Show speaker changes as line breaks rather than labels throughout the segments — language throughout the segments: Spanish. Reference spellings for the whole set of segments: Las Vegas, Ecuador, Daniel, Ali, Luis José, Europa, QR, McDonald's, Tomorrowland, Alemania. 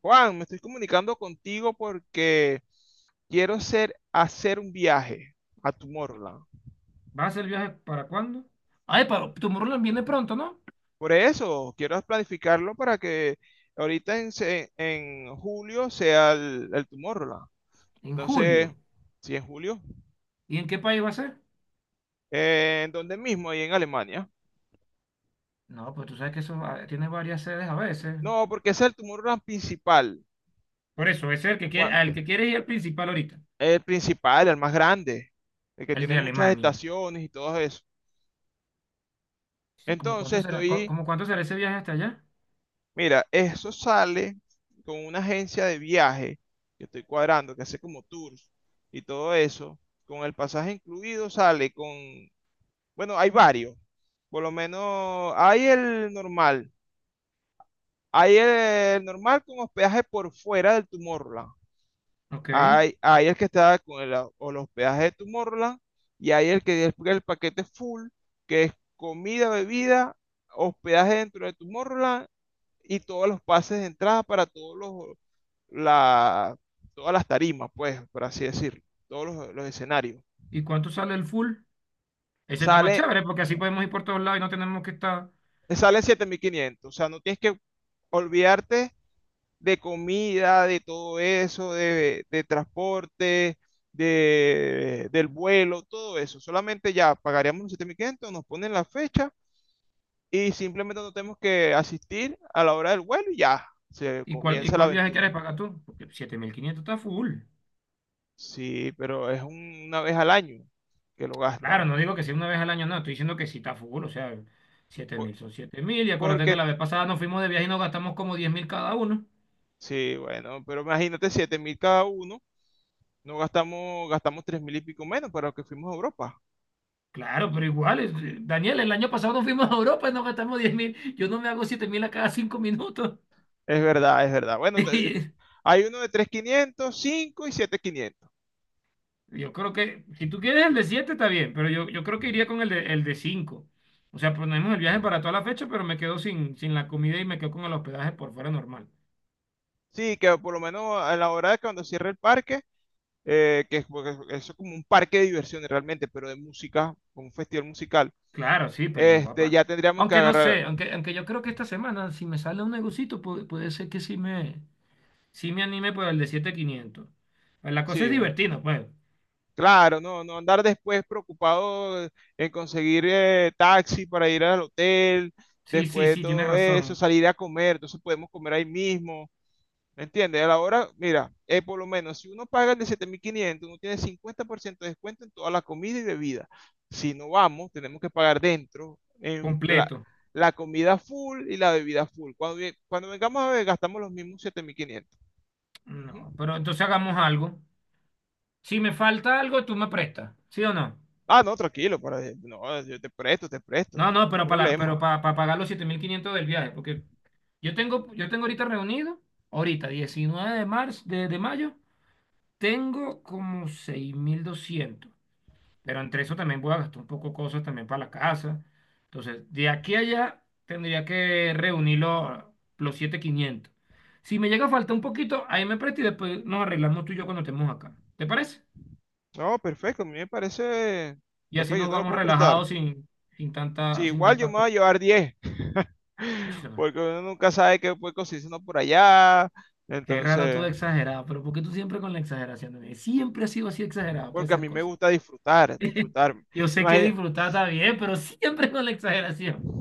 Juan, me estoy comunicando contigo porque quiero hacer un viaje a Tomorrowland.
¿Va a hacer el viaje para cuándo? Ay, pero Tomorrowland viene pronto, ¿no?
Por eso, quiero planificarlo para que en julio sea el Tomorrowland.
En
Entonces,
julio.
si en julio,
¿Y en qué país va a ser?
¿en dónde mismo? Ahí en Alemania.
No, pues tú sabes que eso tiene varias sedes a veces.
No, porque ese es el Tomorrowland principal.
Por eso, ese es el que quiere,
Juan,
al que quiere ir al principal ahorita,
el principal, el más grande, el que
el
tiene
de
muchas
Alemania.
estaciones y todo eso.
Sí, ¿cómo cuánto
Entonces,
será,
estoy
como cuánto será ese viaje hasta allá?
mira, eso sale con una agencia de viaje que estoy cuadrando, que hace como tours y todo eso. Con el pasaje incluido sale con, bueno, hay varios. Por lo menos hay el normal. Hay el normal con hospedaje por fuera del Tomorrowland.
Ok.
Hay el que está con el, o el hospedaje de Tomorrowland, y hay el que es el paquete full, que es comida, bebida, hospedaje dentro de Tomorrowland y todos los pases de entrada para la, todas las tarimas, pues, por así decirlo, los escenarios.
¿Y cuánto sale el full? Ese está más
Sale,
chévere porque así podemos ir por todos lados y no tenemos que estar.
sale 7500, o sea, no tienes que olvidarte de comida, de todo eso, de transporte, del vuelo, todo eso. Solamente ya pagaríamos los 7500, nos ponen la fecha y simplemente no tenemos que asistir a la hora del vuelo y ya se
¿Y cuál, y
comienza la
cuál viaje
aventura.
quieres pagar tú? Porque 7.500 está full.
Sí, pero es una vez al año que lo
Claro,
gasta.
no digo que sea una vez al año, no, estoy diciendo que sí está full, o sea, siete
Po-
mil son 7.000, y acuérdate que
Porque,
la vez pasada nos fuimos de viaje y nos gastamos como 10.000 cada uno.
sí, bueno, pero imagínate, 7000 cada uno, no gastamos, gastamos 3000 y pico menos para lo que fuimos a Europa.
Claro, pero igual, Daniel, el año pasado nos fuimos a Europa y nos gastamos 10.000, yo no me hago 7.000 a cada 5 minutos.
Es verdad, es verdad. Bueno, hay uno de 3500, 5 y siete mil quinientos.
Y yo creo que, si tú quieres el de 7 está bien, pero yo creo que iría con el de 5. O sea, ponemos el viaje para toda la fecha, pero me quedo sin la comida y me quedo con el hospedaje por fuera normal.
Sí, que por lo menos a la hora de cuando cierre el parque, que es, porque eso es como un parque de diversiones realmente, pero de música, como un festival musical.
Claro, sí, pero no va para.
Ya tendríamos que
Aunque no
agarrar,
sé, aunque yo creo que esta semana, si me sale un negocito, puede, ser que sí me anime por el de 7.500. Pues la cosa es
sí.
divertida, pues.
Claro, no, no andar después preocupado en conseguir taxi para ir al hotel,
Sí, sí,
después de
sí, tienes
todo eso,
razón.
salir a comer, entonces podemos comer ahí mismo, ¿me entiendes? A la hora, mira, por lo menos si uno paga el de 7500, uno tiene 50% de descuento en toda la comida y bebida. Si no vamos, tenemos que pagar dentro en
Completo.
la comida full y la bebida full. Cuando vengamos a ver, gastamos los mismos 7500. Ujú.
No, pero entonces hagamos algo. Si me falta algo, tú me prestas, ¿sí o no?
Ah, no, tranquilo, para, no, yo te presto, te presto. No
No, no,
hay
pero para, pero
problema.
para, pagar los 7.500 del viaje, porque yo tengo ahorita reunido, ahorita, 19 de marzo, de mayo, tengo como 6.200. Pero entre eso también voy a gastar un poco de cosas también para la casa. Entonces, de aquí a allá tendría que reunir los 7.500. Si me llega a faltar un poquito, ahí me presta y después nos arreglamos tú y yo cuando estemos acá. ¿Te parece?
No, perfecto, a mí me parece
Y así
perfecto, yo
nos
te lo
vamos
puedo prestar.
relajados sin, sin
Sí,
tanta, sin
igual yo
tanta
me voy a
cosa.
llevar 10,
Chama,
porque uno nunca sabe qué puede conseguirse uno por allá,
qué raro tú
entonces,
de exagerado, pero ¿por qué tú siempre con la exageración, nene? Siempre has sido así exagerado para
porque a
esas
mí me
cosas.
gusta disfrutar, disfrutar. Me
Yo sé que
imagino,
disfrutar está bien, pero siempre con la exageración.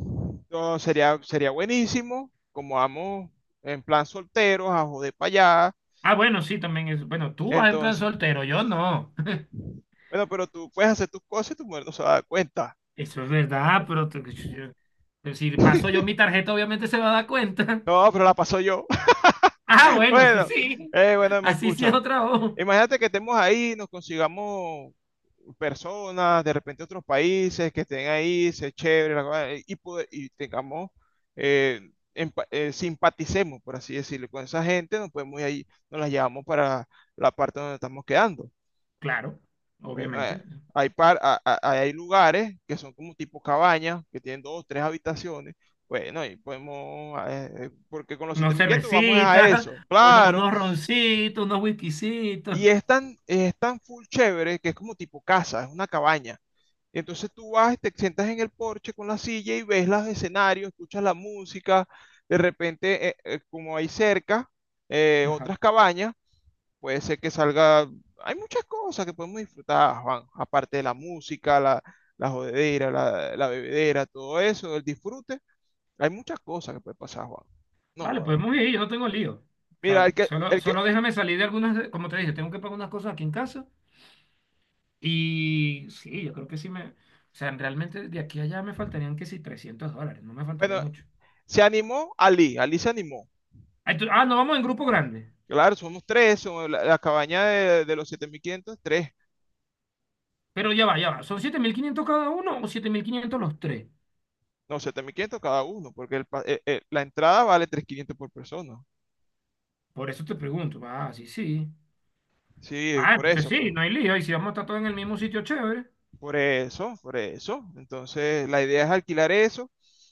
no, sería, sería buenísimo, como vamos en plan solteros, a joder para allá,
Ah, bueno, sí, también es. Bueno, tú vas en plan
entonces,
soltero, yo no.
bueno, pero tú puedes hacer tus cosas y tu mujer no se va a dar cuenta.
Eso es verdad, pero si paso yo mi tarjeta, obviamente se va a dar cuenta.
No, pero la paso yo.
Ah, bueno, sí,
Bueno,
sí.
bueno, me
Así sí es
escucha.
otra voz.
Imagínate que estemos ahí, nos consigamos personas, de repente otros países que estén ahí, se chévere, la cosa, y tengamos, eh, simpaticemos, por así decirlo, con esa gente, nos podemos ir ahí, nos las llevamos para la parte donde estamos quedando.
Claro,
Bueno,
obviamente.
hay, par- a- hay lugares que son como tipo cabañas, que tienen dos, tres habitaciones. Bueno, y podemos, porque con los
Unos
7500 vamos a
cervecitas,
eso, claro.
unos roncitos, unos whiskycitos.
Y es tan full chévere que es como tipo casa, es una cabaña. Entonces tú vas y te sientas en el porche con la silla y ves los escenarios, escuchas la música. De repente, como hay cerca
Ajá.
otras cabañas, puede ser que salga. Hay muchas cosas que podemos disfrutar, Juan, aparte de la música, la jodedera, la bebedera, todo eso, el disfrute. Hay muchas cosas que puede pasar, Juan.
Vale,
No,
podemos ir, yo no tengo lío. O
mira,
sea, solo, solo déjame salir de algunas, como te dije, tengo que pagar unas cosas aquí en casa. Y sí, yo creo que sí me. O sea, realmente de aquí a allá me faltarían que sí $300, no me faltaría
bueno,
mucho.
se animó Ali, Ali se animó.
Ay, ah, no, vamos en grupo grande.
Claro, somos tres, somos la cabaña de los 7500 tres.
Pero ya va, ya va. ¿Son 7.500 cada uno o 7.500 los tres?
No, 7500 cada uno, porque la entrada vale 3500 por persona.
Por eso te pregunto. Ah, sí, sí.
Sí,
Ah,
por
entonces
eso,
sí,
pues.
no hay lío. Y si vamos a estar todos en el mismo sitio, chévere.
Por eso, por eso. Entonces, la idea es alquilar eso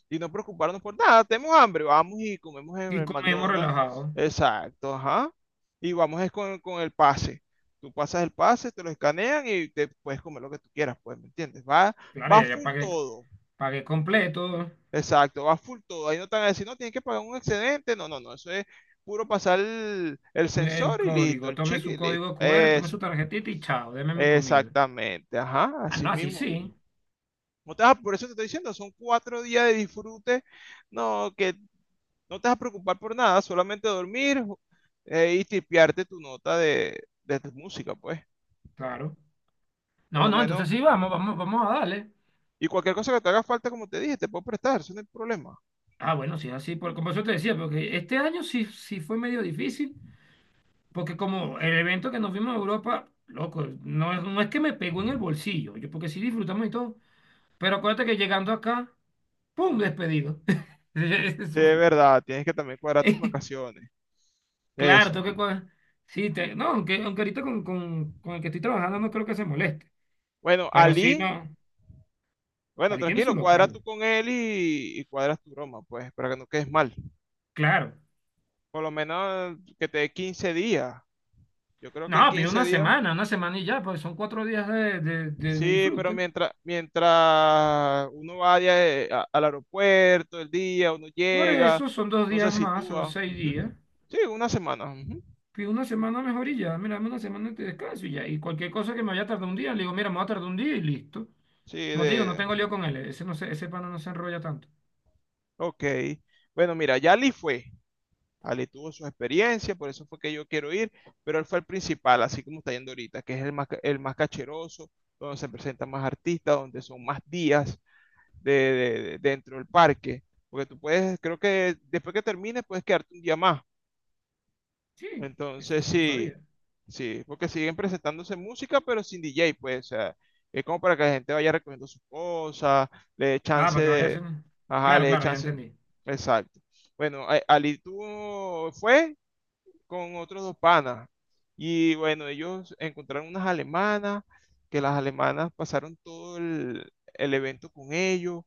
y no preocuparnos por nada. Tenemos hambre, vamos y comemos en
Y
el
comemos
McDonald's.
relajado.
Exacto, ajá. Y vamos es con el pase. Tú pasas el pase, te lo escanean y te puedes comer lo que tú quieras, pues, ¿me entiendes? Va,
Claro,
va
ya
full
pagué,
todo.
pagué completo.
Exacto, va full todo. Ahí no te van a decir, no, tienes que pagar un excedente. No, no, no. Eso es puro pasar el
El
sensor y listo,
código,
el
tome
chip
su
y listo.
código QR, tome su
Eso,
tarjetita y chao, deme mi comida.
exactamente. Ajá,
Ah,
así
no, así
mismo.
sí,
No te vas a- por eso te estoy diciendo, son 4 días de disfrute. No, que no te vas a preocupar por nada, solamente dormir y tipearte tu nota de tu música, pues.
claro.
Por
No,
lo
no, entonces
menos.
sí, vamos a darle.
Y cualquier cosa que te haga falta, como te dije, te puedo prestar, eso no hay problema.
Ah, bueno, sí, así, por, como eso te decía, porque este año sí fue medio difícil. Porque como el evento que nos vimos en Europa, loco, no es que me pegó en el bolsillo, yo porque sí disfrutamos y todo, pero acuérdate que llegando acá, ¡pum! Despedido.
De
Eso-
verdad, tienes que también cuadrar tus vacaciones.
Claro,
Eso.
tengo que. Sí, no, aunque ahorita con el que estoy trabajando no creo que se moleste,
Bueno,
pero sí,
Ali.
no,
Bueno,
Ali tiene su
tranquilo, cuadra tú
local,
con él y, cuadras tu broma, pues, para que no quedes mal.
claro.
Por lo menos que te dé 15 días. Yo creo que en
No, pido
15 días.
una semana y ya, pues son 4 días de
Sí, pero
disfrute.
mientras uno vaya al aeropuerto el día, uno
Por
llega,
eso son dos
no se
días más, son
sitúa.
seis días,
Ujú. Sí, una semana. Ujú.
que una semana mejor y ya, mira, dame una semana de descanso y ya. Y cualquier cosa que me vaya a tardar un día, le digo, mira, me va a tardar un día y listo.
Sí,
Como te digo, no
de...
tengo lío con él, ese, no se, ese pana no se enrolla tanto.
Ok. Bueno, mira, Yali fue. Ali tuvo sus experiencias, por eso fue que yo quiero ir, pero él fue el principal, así como está yendo ahorita, que es el más cacheroso, donde se presentan más artistas, donde son más días dentro del parque, porque tú puedes, creo que después que termines puedes quedarte un día más.
Sí, eso
Entonces
sí no
sí,
sabía.
sí, porque siguen presentándose música, pero sin DJ, pues, o sea, es como para que la gente vaya recogiendo sus cosas, le dé
Ah,
chance
para que vaya
de,
haciendo.
ajá,
Claro,
le dé
claro, ya
chance,
entendí.
exacto. Bueno, Ali, ¿tú fue? Con otros dos panas. Y bueno, ellos encontraron unas alemanas, que las alemanas pasaron todo el evento con ellos.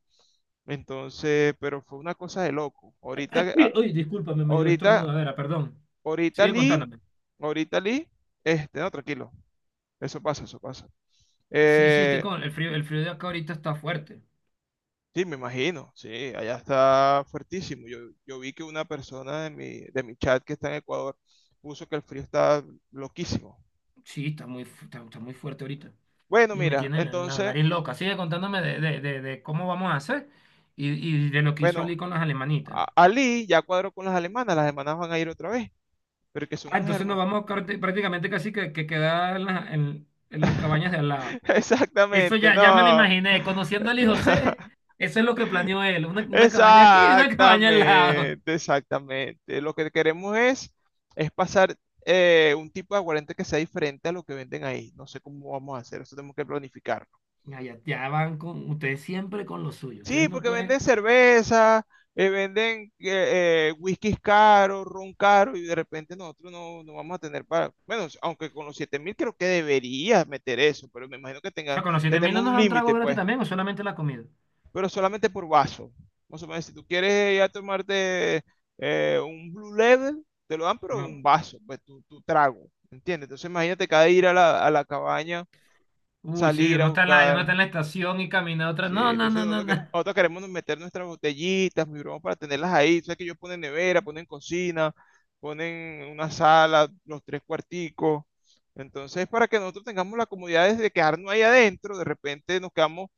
Entonces, pero fue una cosa de loco. Ahorita,
Uy,
a-
uy, discúlpame, me dio
ahorita,
estornudadera, perdón.
ahorita
Sigue
Lee,
contándome.
ahorita Lee, no, tranquilo, eso pasa, eso pasa.
Sí, sí, es que
Eh,
con el frío, de acá ahorita está fuerte.
sí, me imagino, sí, allá está fuertísimo. Yo vi que una persona de mi chat que está en Ecuador puso que el frío está loquísimo.
Sí, está muy fuerte ahorita.
Bueno,
Y me
mira,
tiene la
entonces,
nariz loca. Sigue contándome de cómo vamos a hacer y de lo que hizo
bueno,
Ali con las alemanitas.
Ali ya cuadró con las alemanas van a ir otra vez, pero que son
Ah,
unas
entonces nos
hermosas.
vamos prácticamente casi que quedar en las cabañas de al lado. Eso
Exactamente,
ya me lo
no.
imaginé. Conociendo a Luis José, eso es lo que planeó él. Una cabaña aquí y una cabaña al lado.
Exactamente, exactamente. Lo que queremos es pasar un tipo de aguardiente que sea diferente a lo que venden ahí. No sé cómo vamos a hacer, eso tenemos que planificar.
Ya, ya, ya van con ustedes siempre con lo suyo. Ustedes
Sí,
no
porque
pueden.
venden cerveza, venden whiskies caros, ron caro, y de repente nosotros no, no vamos a tener para. Bueno, aunque con los 7000 creo que deberías meter eso, pero me imagino que
O
tenga,
sea, con los 7 mil no
tenemos un
nos dan trago
límite,
gratis
pues,
también o solamente la comida.
pero solamente por vaso. Más o menos, si tú quieres ya tomarte un Blue Level, te lo dan, pero un
No.
vaso, pues tu trago, ¿entiendes? Entonces, imagínate cada ir a a la cabaña,
Uy, sí,
salir a
uno está en la, uno está
buscar.
en la estación y camina a otra.
Sí,
No, no,
entonces
no, no, no.
nosotros queremos meter nuestras botellitas, mi broma, para tenerlas ahí. Sabes que ellos ponen nevera, ponen cocina, ponen una sala, los tres cuarticos. Entonces, para que nosotros tengamos la comodidad de quedarnos ahí adentro, de repente nos quedamos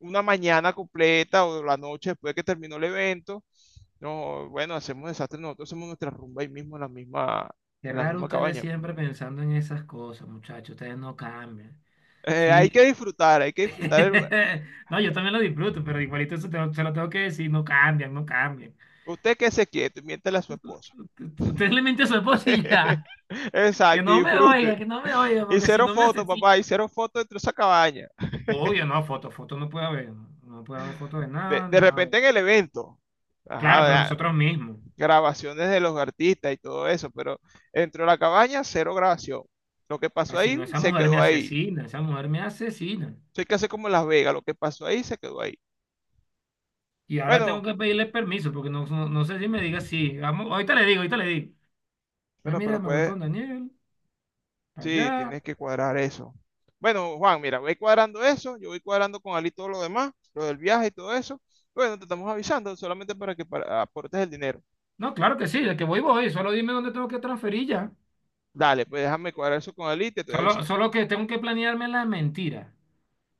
una mañana completa o la noche después que terminó el evento. No, bueno, hacemos desastre, nosotros hacemos nuestra rumba ahí mismo en
Qué
en la
raro
misma
ustedes
cabaña.
siempre pensando en esas cosas, muchachos. Ustedes no cambian.
Hay
Sí.
que disfrutar, hay que disfrutar.
No, yo también lo disfruto, pero igualito eso se lo tengo que decir, no cambian, no cambian.
Usted que se quieto, miéntale a su esposo.
Usted le miente a su esposa y ya. Que
Exacto, y
no me oiga,
disfrute.
que no me oiga,
Y
porque si
cero
no me
fotos,
asesina.
papá, y cero fotos dentro de esa cabaña.
Obvio, no, foto, foto no puede haber. No puede haber foto de nada,
De
nada.
repente en el evento,
Claro,
ajá,
pero nosotros mismos.
grabaciones de los artistas y todo eso, pero dentro de la cabaña, cero grabación. Lo que pasó
Así no,
ahí,
esa
se
mujer me
quedó ahí.
asesina, esa mujer me asesina.
Eso hay que hacer como en Las Vegas, lo que pasó ahí, se quedó ahí.
Y ahora tengo
Bueno,
que pedirle permiso, porque no, no, no sé si me diga sí. Vamos, ahorita le digo, ahorita le digo. Ah,
bueno,
mira,
pero
me voy
puede,
con Daniel, para
sí,
allá.
tienes que cuadrar eso. Bueno, Juan, mira, voy cuadrando eso, yo voy cuadrando con Ali todo lo demás, lo del viaje y todo eso. Bueno, te estamos avisando solamente para que aportes el dinero.
No, claro que sí, de que voy, voy. Solo dime dónde tengo que transferir ya.
Dale, pues déjame cuadrar eso con él y te estoy
Solo,
avisando.
solo que tengo que planearme la mentira.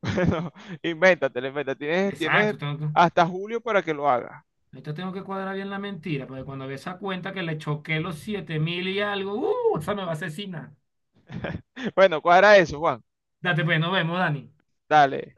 Bueno, invéntatelo, inventa. Tienes
Exacto, tengo que,
hasta julio para que lo hagas.
ahorita tengo que cuadrar bien la mentira, porque cuando ve esa cuenta que le choqué los 7.000 y algo, esa me va a asesinar.
Bueno, cuadra eso, Juan.
Date pues, nos vemos, Dani.
Dale.